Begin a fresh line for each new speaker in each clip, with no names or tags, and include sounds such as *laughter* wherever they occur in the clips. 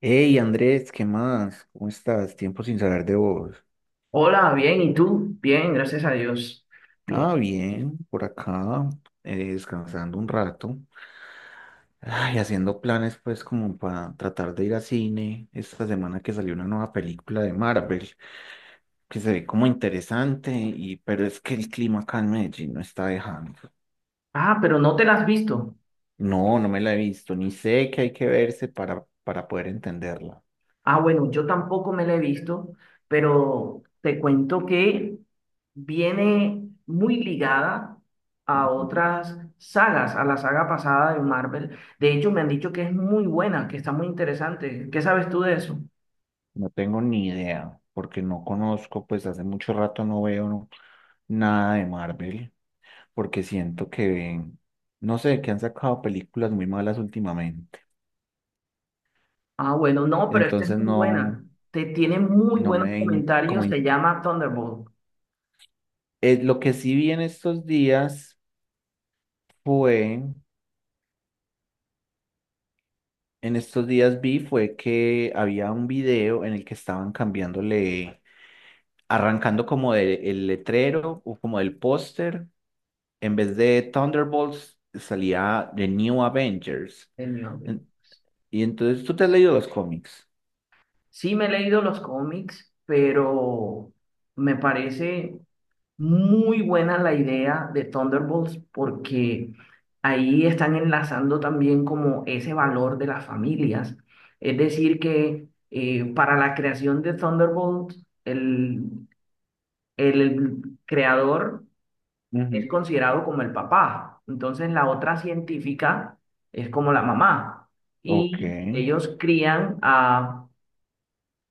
Hey Andrés, ¿qué más? ¿Cómo estás? Tiempo sin saber de vos.
Hola, bien, ¿y tú? Bien, gracias a Dios. Bien.
Ah, bien, por acá, descansando un rato. Ay, haciendo planes pues como para tratar de ir a cine esta semana que salió una nueva película de Marvel, que se ve como interesante, y, pero es que el clima acá en Medellín no está dejando.
Ah, pero no te la has visto.
No, no me la he visto, ni sé que hay que verse para poder entenderla.
Ah, bueno, yo tampoco me la he visto, pero te cuento que viene muy ligada a
Ujú.
otras sagas, a la saga pasada de Marvel. De hecho, me han dicho que es muy buena, que está muy interesante. ¿Qué sabes tú de eso?
No tengo ni idea, porque no conozco, pues hace mucho rato no veo nada de Marvel, porque siento que, no sé, que han sacado películas muy malas últimamente.
Ah, bueno, no, pero esta es
Entonces
muy buena.
no,
Te tiene muy
no
buenos
me, in- como,
comentarios. Se
in-
llama Thunderbolt,
lo que sí vi en estos días fue, en estos días vi fue que había un video en el que estaban cambiándole, arrancando como el letrero o como el póster, en vez de Thunderbolts salía The New Avengers.
señor.
En- Y entonces tú te has leído los cómics.
Sí me he leído los cómics, pero me parece muy buena la idea de Thunderbolts porque ahí están enlazando también como ese valor de las familias. Es decir, que para la creación de Thunderbolts, el creador es
Ujú.
considerado como el papá. Entonces la otra científica es como la mamá.
Ok.
Y ellos crían a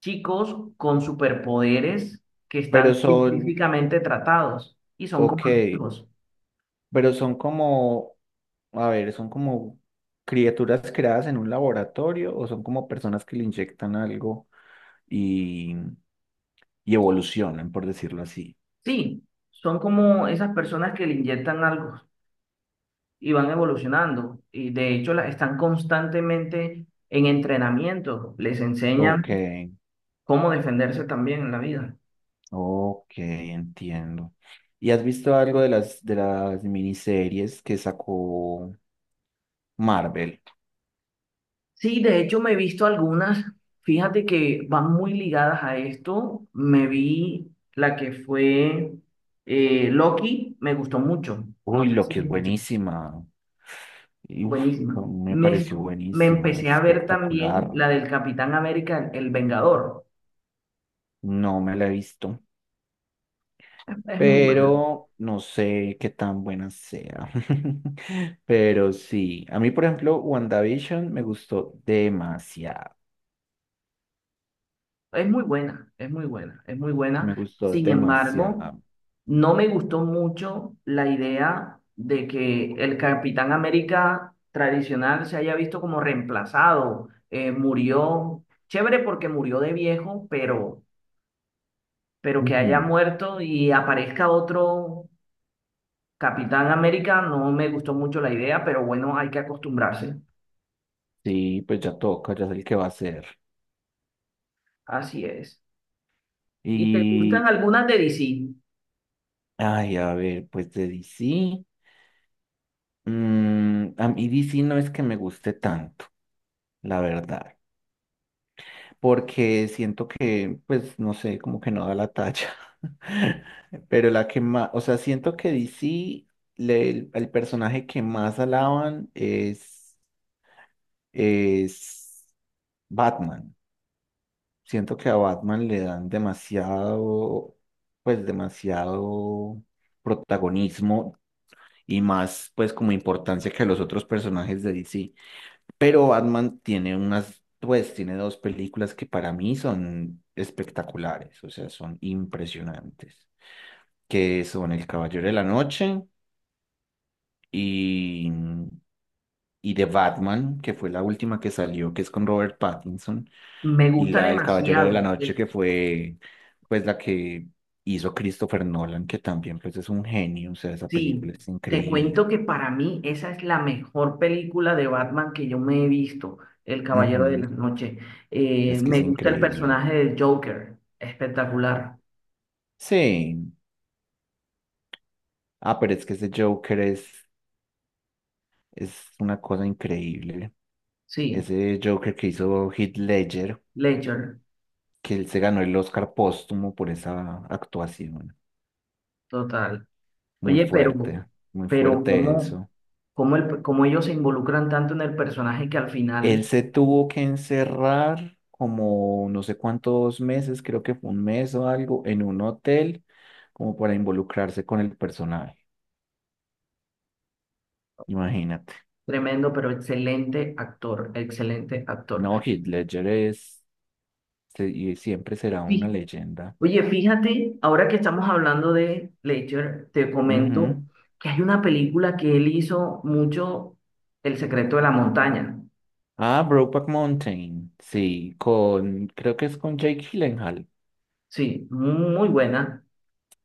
chicos con superpoderes que
Pero
están
son,
científicamente tratados y son
ok,
como los hijos.
pero son como, a ver, son como criaturas creadas en un laboratorio o son como personas que le inyectan algo y, y evolucionan, por decirlo así.
Sí, son como esas personas que le inyectan algo y van evolucionando. Y de hecho están constantemente en entrenamiento. Les
Ok,
enseñan cómo defenderse también en la vida.
ok, entiendo. ¿Y has visto algo de las miniseries que sacó Marvel?
Sí, de hecho me he visto algunas. Fíjate que van muy ligadas a esto. Me vi la que fue Loki, me gustó mucho. No
Uy,
sé
lo
si...
que es buenísima. Y, uf,
Buenísima.
me
Me,
pareció
me
buenísima,
empecé a ver
espectacular.
también la del Capitán América, el Vengador.
No me la he visto,
Es muy buena,
pero no sé qué tan buena sea. *laughs* Pero sí, a mí, por ejemplo, WandaVision me gustó demasiado,
es muy buena, es muy buena, es muy
me
buena.
gustó
Sin embargo,
demasiado.
no me gustó mucho la idea de que el Capitán América tradicional se haya visto como reemplazado. Murió, chévere porque murió de viejo, pero que
Ujú.
haya muerto y aparezca otro Capitán América no me gustó mucho la idea, pero bueno, hay que acostumbrarse.
Sí, pues ya toca, ya sé el que va a ser.
Así es. ¿Y te gustan
Y,
algunas de DC?
ay, a ver, pues de DC, mm, a mí DC no es que me guste tanto, la verdad, porque siento que, pues, no sé, como que no da la talla. *laughs* Pero la que más, o sea, siento que DC, el personaje que más alaban es Batman. Siento que a Batman le dan demasiado, pues, demasiado protagonismo y más, pues, como importancia que a los otros personajes de DC. Pero Batman tiene unas, pues tiene dos películas que para mí son espectaculares, o sea, son impresionantes, que son El Caballero de la Noche y, y The Batman, que fue la última que salió, que es con Robert Pattinson,
Me
y
gusta
la del Caballero de la
demasiado.
Noche,
Eh,
que fue pues la que hizo Christopher Nolan, que también pues es un genio, o sea, esa película
Sí,
es
te
increíble.
cuento que para mí esa es la mejor película de Batman que yo me he visto, El Caballero de
Ujú.
la Noche.
Es que es
Me gusta el
increíble.
personaje del Joker, espectacular.
Sí. Ah, pero es que ese Joker es... Es una cosa increíble.
Sí,
Ese Joker que hizo Heath Ledger,
Ledger,
que él se ganó el Oscar póstumo por esa actuación.
total.
Muy
Oye,
fuerte, muy
pero
fuerte eso.
cómo ellos se involucran tanto en el personaje que al final...
Él se tuvo que encerrar como no sé cuántos meses, creo que fue un mes o algo, en un hotel, como para involucrarse con el personaje. Imagínate.
Tremendo, pero excelente actor, excelente actor.
No, Heath Ledger es... y siempre será una
Sí.
leyenda.
Oye, fíjate, ahora que estamos hablando de Ledger, te comento
Ujú.
que hay una película que él hizo mucho, El secreto de la montaña.
Ah, Brokeback Mountain, sí, con, creo que es con Jake Gyllenhaal.
Sí, muy buena,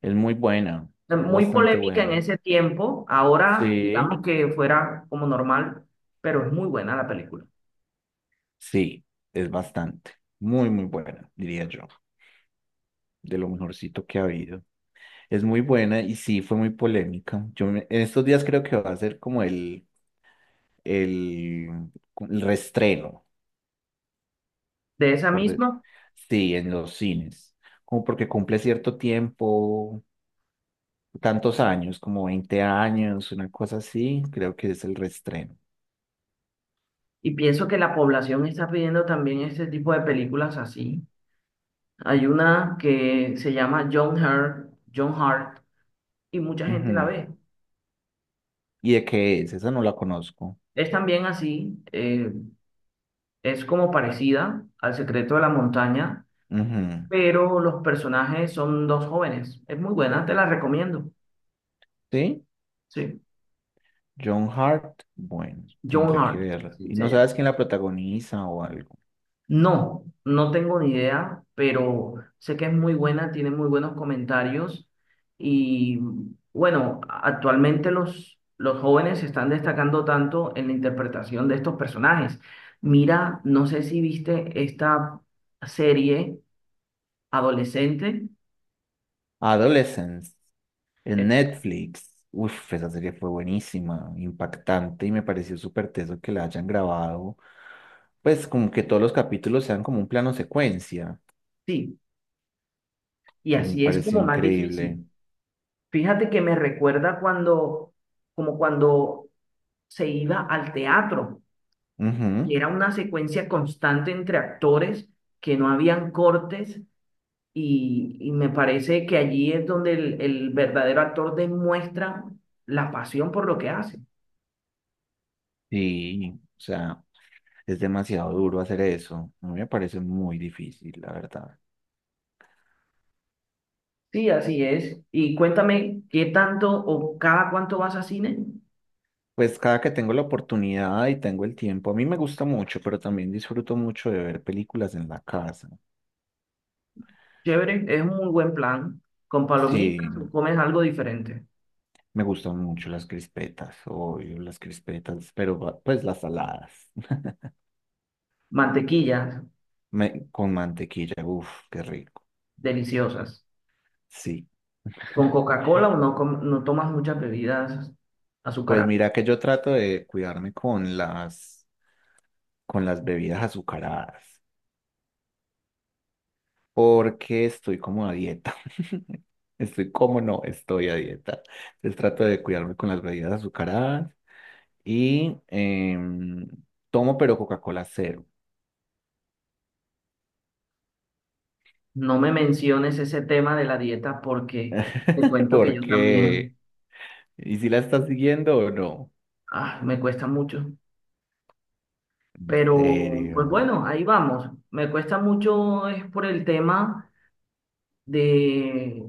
Es muy buena, es
muy
bastante
polémica en
buena.
ese tiempo. Ahora,
Sí,
digamos que fuera como normal, pero es muy buena la película.
sí, es bastante, muy buena, diría yo, de lo mejorcito que ha habido. Es muy buena y sí, fue muy polémica. En estos días creo que va a ser como el, el reestreno,
De esa
por de-
misma,
sí, en los cines, como porque cumple cierto tiempo, tantos años, como 20 años, una cosa así, creo que es el reestreno.
y pienso que la población está pidiendo también ese tipo de películas así. Hay una que se llama John Hart, John Hart, y mucha gente la
Ujú.
ve.
¿Y de qué es? Esa no la conozco.
Es también así, es como parecida al Secreto de la Montaña,
Ujú.
pero los personajes son dos jóvenes. Es muy buena, te la recomiendo.
¿Sí?
Sí,
John Hart, bueno,
John
tendré que
Hart,
verla.
sí,
¿Y
se
no
llama.
sabes quién la protagoniza o algo?
No, no tengo ni idea, pero sé que es muy buena, tiene muy buenos comentarios y bueno, actualmente los jóvenes se están destacando tanto en la interpretación de estos personajes. Mira, no sé si viste esta serie adolescente.
Adolescence, en
Es-
Netflix. Uf, esa serie fue buenísima, impactante y me pareció súper teso que la hayan grabado. Pues como que todos los capítulos sean como un plano secuencia.
sí, y
Me
así es
pareció
como más
increíble.
difícil. Fíjate que me recuerda como cuando se iba al teatro. Y
Ujú.
era una secuencia constante entre actores que no habían cortes y me parece que allí es donde el verdadero actor demuestra la pasión por lo que hace.
Sí, o sea, es demasiado duro hacer eso. A mí me parece muy difícil, la verdad.
Sí, así es. Y cuéntame, ¿qué tanto o cada cuánto vas a cine?
Pues cada que tengo la oportunidad y tengo el tiempo, a mí me gusta mucho, pero también disfruto mucho de ver películas en la casa.
Chévere, es un muy buen plan. Con
Sí,
palomitas o comes algo diferente.
me gustan mucho las crispetas, obvio, las crispetas, pues las saladas. *laughs*
Mantequillas,
Con mantequilla, uff, qué rico.
deliciosas.
Sí.
Con
*laughs*
Coca-Cola o no, no tomas muchas bebidas
Pues
azucaradas.
mira que yo trato de cuidarme con las bebidas azucaradas, porque estoy como a dieta. *laughs* Estoy como no, estoy a dieta. Entonces trato de cuidarme con las bebidas azucaradas y tomo pero Coca-Cola cero.
No me menciones ese tema de la dieta porque te
*laughs*
cuento que yo
Porque,
también,
¿y si la estás siguiendo o no?
ah, me cuesta mucho.
En
Pero,
serio.
pues bueno, ahí vamos. Me cuesta mucho es por el tema de,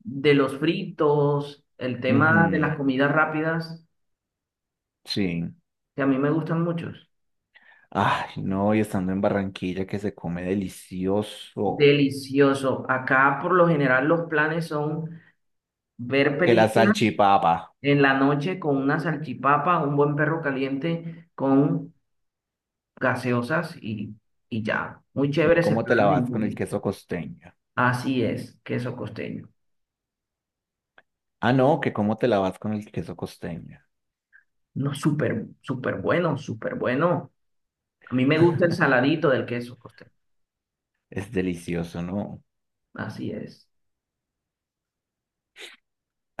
de los fritos, el tema de las
Ujú,
comidas rápidas,
sí.
que a mí me gustan muchos.
Ay, no, y estando en Barranquilla que se come delicioso.
Delicioso. Acá por lo general los planes son ver
Que la
películas
salchipapa.
en la noche con una salchipapa, un buen perro caliente con gaseosas y ya. Muy chévere ese
¿Cómo te la
plan.
vas con el
Ninguno.
queso costeño?
Así es, queso costeño.
Ah, no, que cómo te la vas con el queso costeño.
No, súper, súper bueno, súper bueno. A mí me gusta el saladito del queso costeño.
Es delicioso, ¿no?
Así es.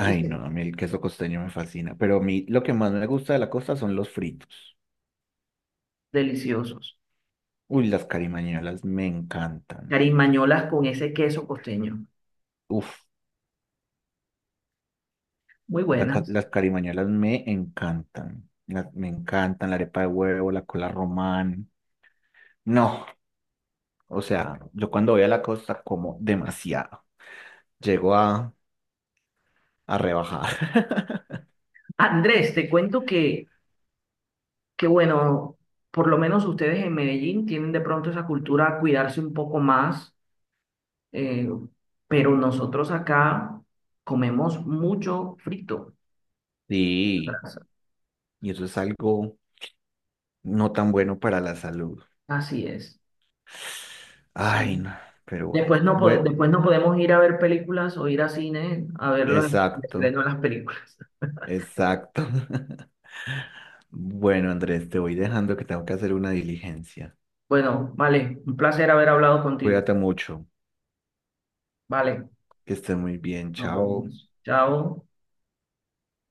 Y sí,
no, a mí el queso costeño me fascina, pero a mí lo que más me gusta de la costa son los fritos.
deliciosos.
Uy, las carimañolas me encantan.
Carimañolas con ese queso costeño.
Uf,
Muy buenas.
las carimañolas me encantan. Me encantan la arepa de huevo, la cola román. No, o sea, yo cuando voy a la costa como demasiado. Llego a rebajar. *laughs*
Andrés, te cuento que bueno, por lo menos ustedes en Medellín tienen de pronto esa cultura a cuidarse un poco más, eh, pero nosotros acá comemos mucho frito.
Sí,
Brazo.
y eso es algo no tan bueno para la salud.
Así es. Sí.
Ay, no, pero bueno. Bueno,
Después no podemos ir a ver películas o ir a cine a ver los
exacto.
estrenos de las películas. *laughs*
Exacto. *laughs* Bueno, Andrés, te voy dejando que tengo que hacer una diligencia.
Bueno, vale, un placer haber hablado contigo.
Cuídate mucho,
Vale,
que estés muy bien.
nos
Chao.
vemos. Chao.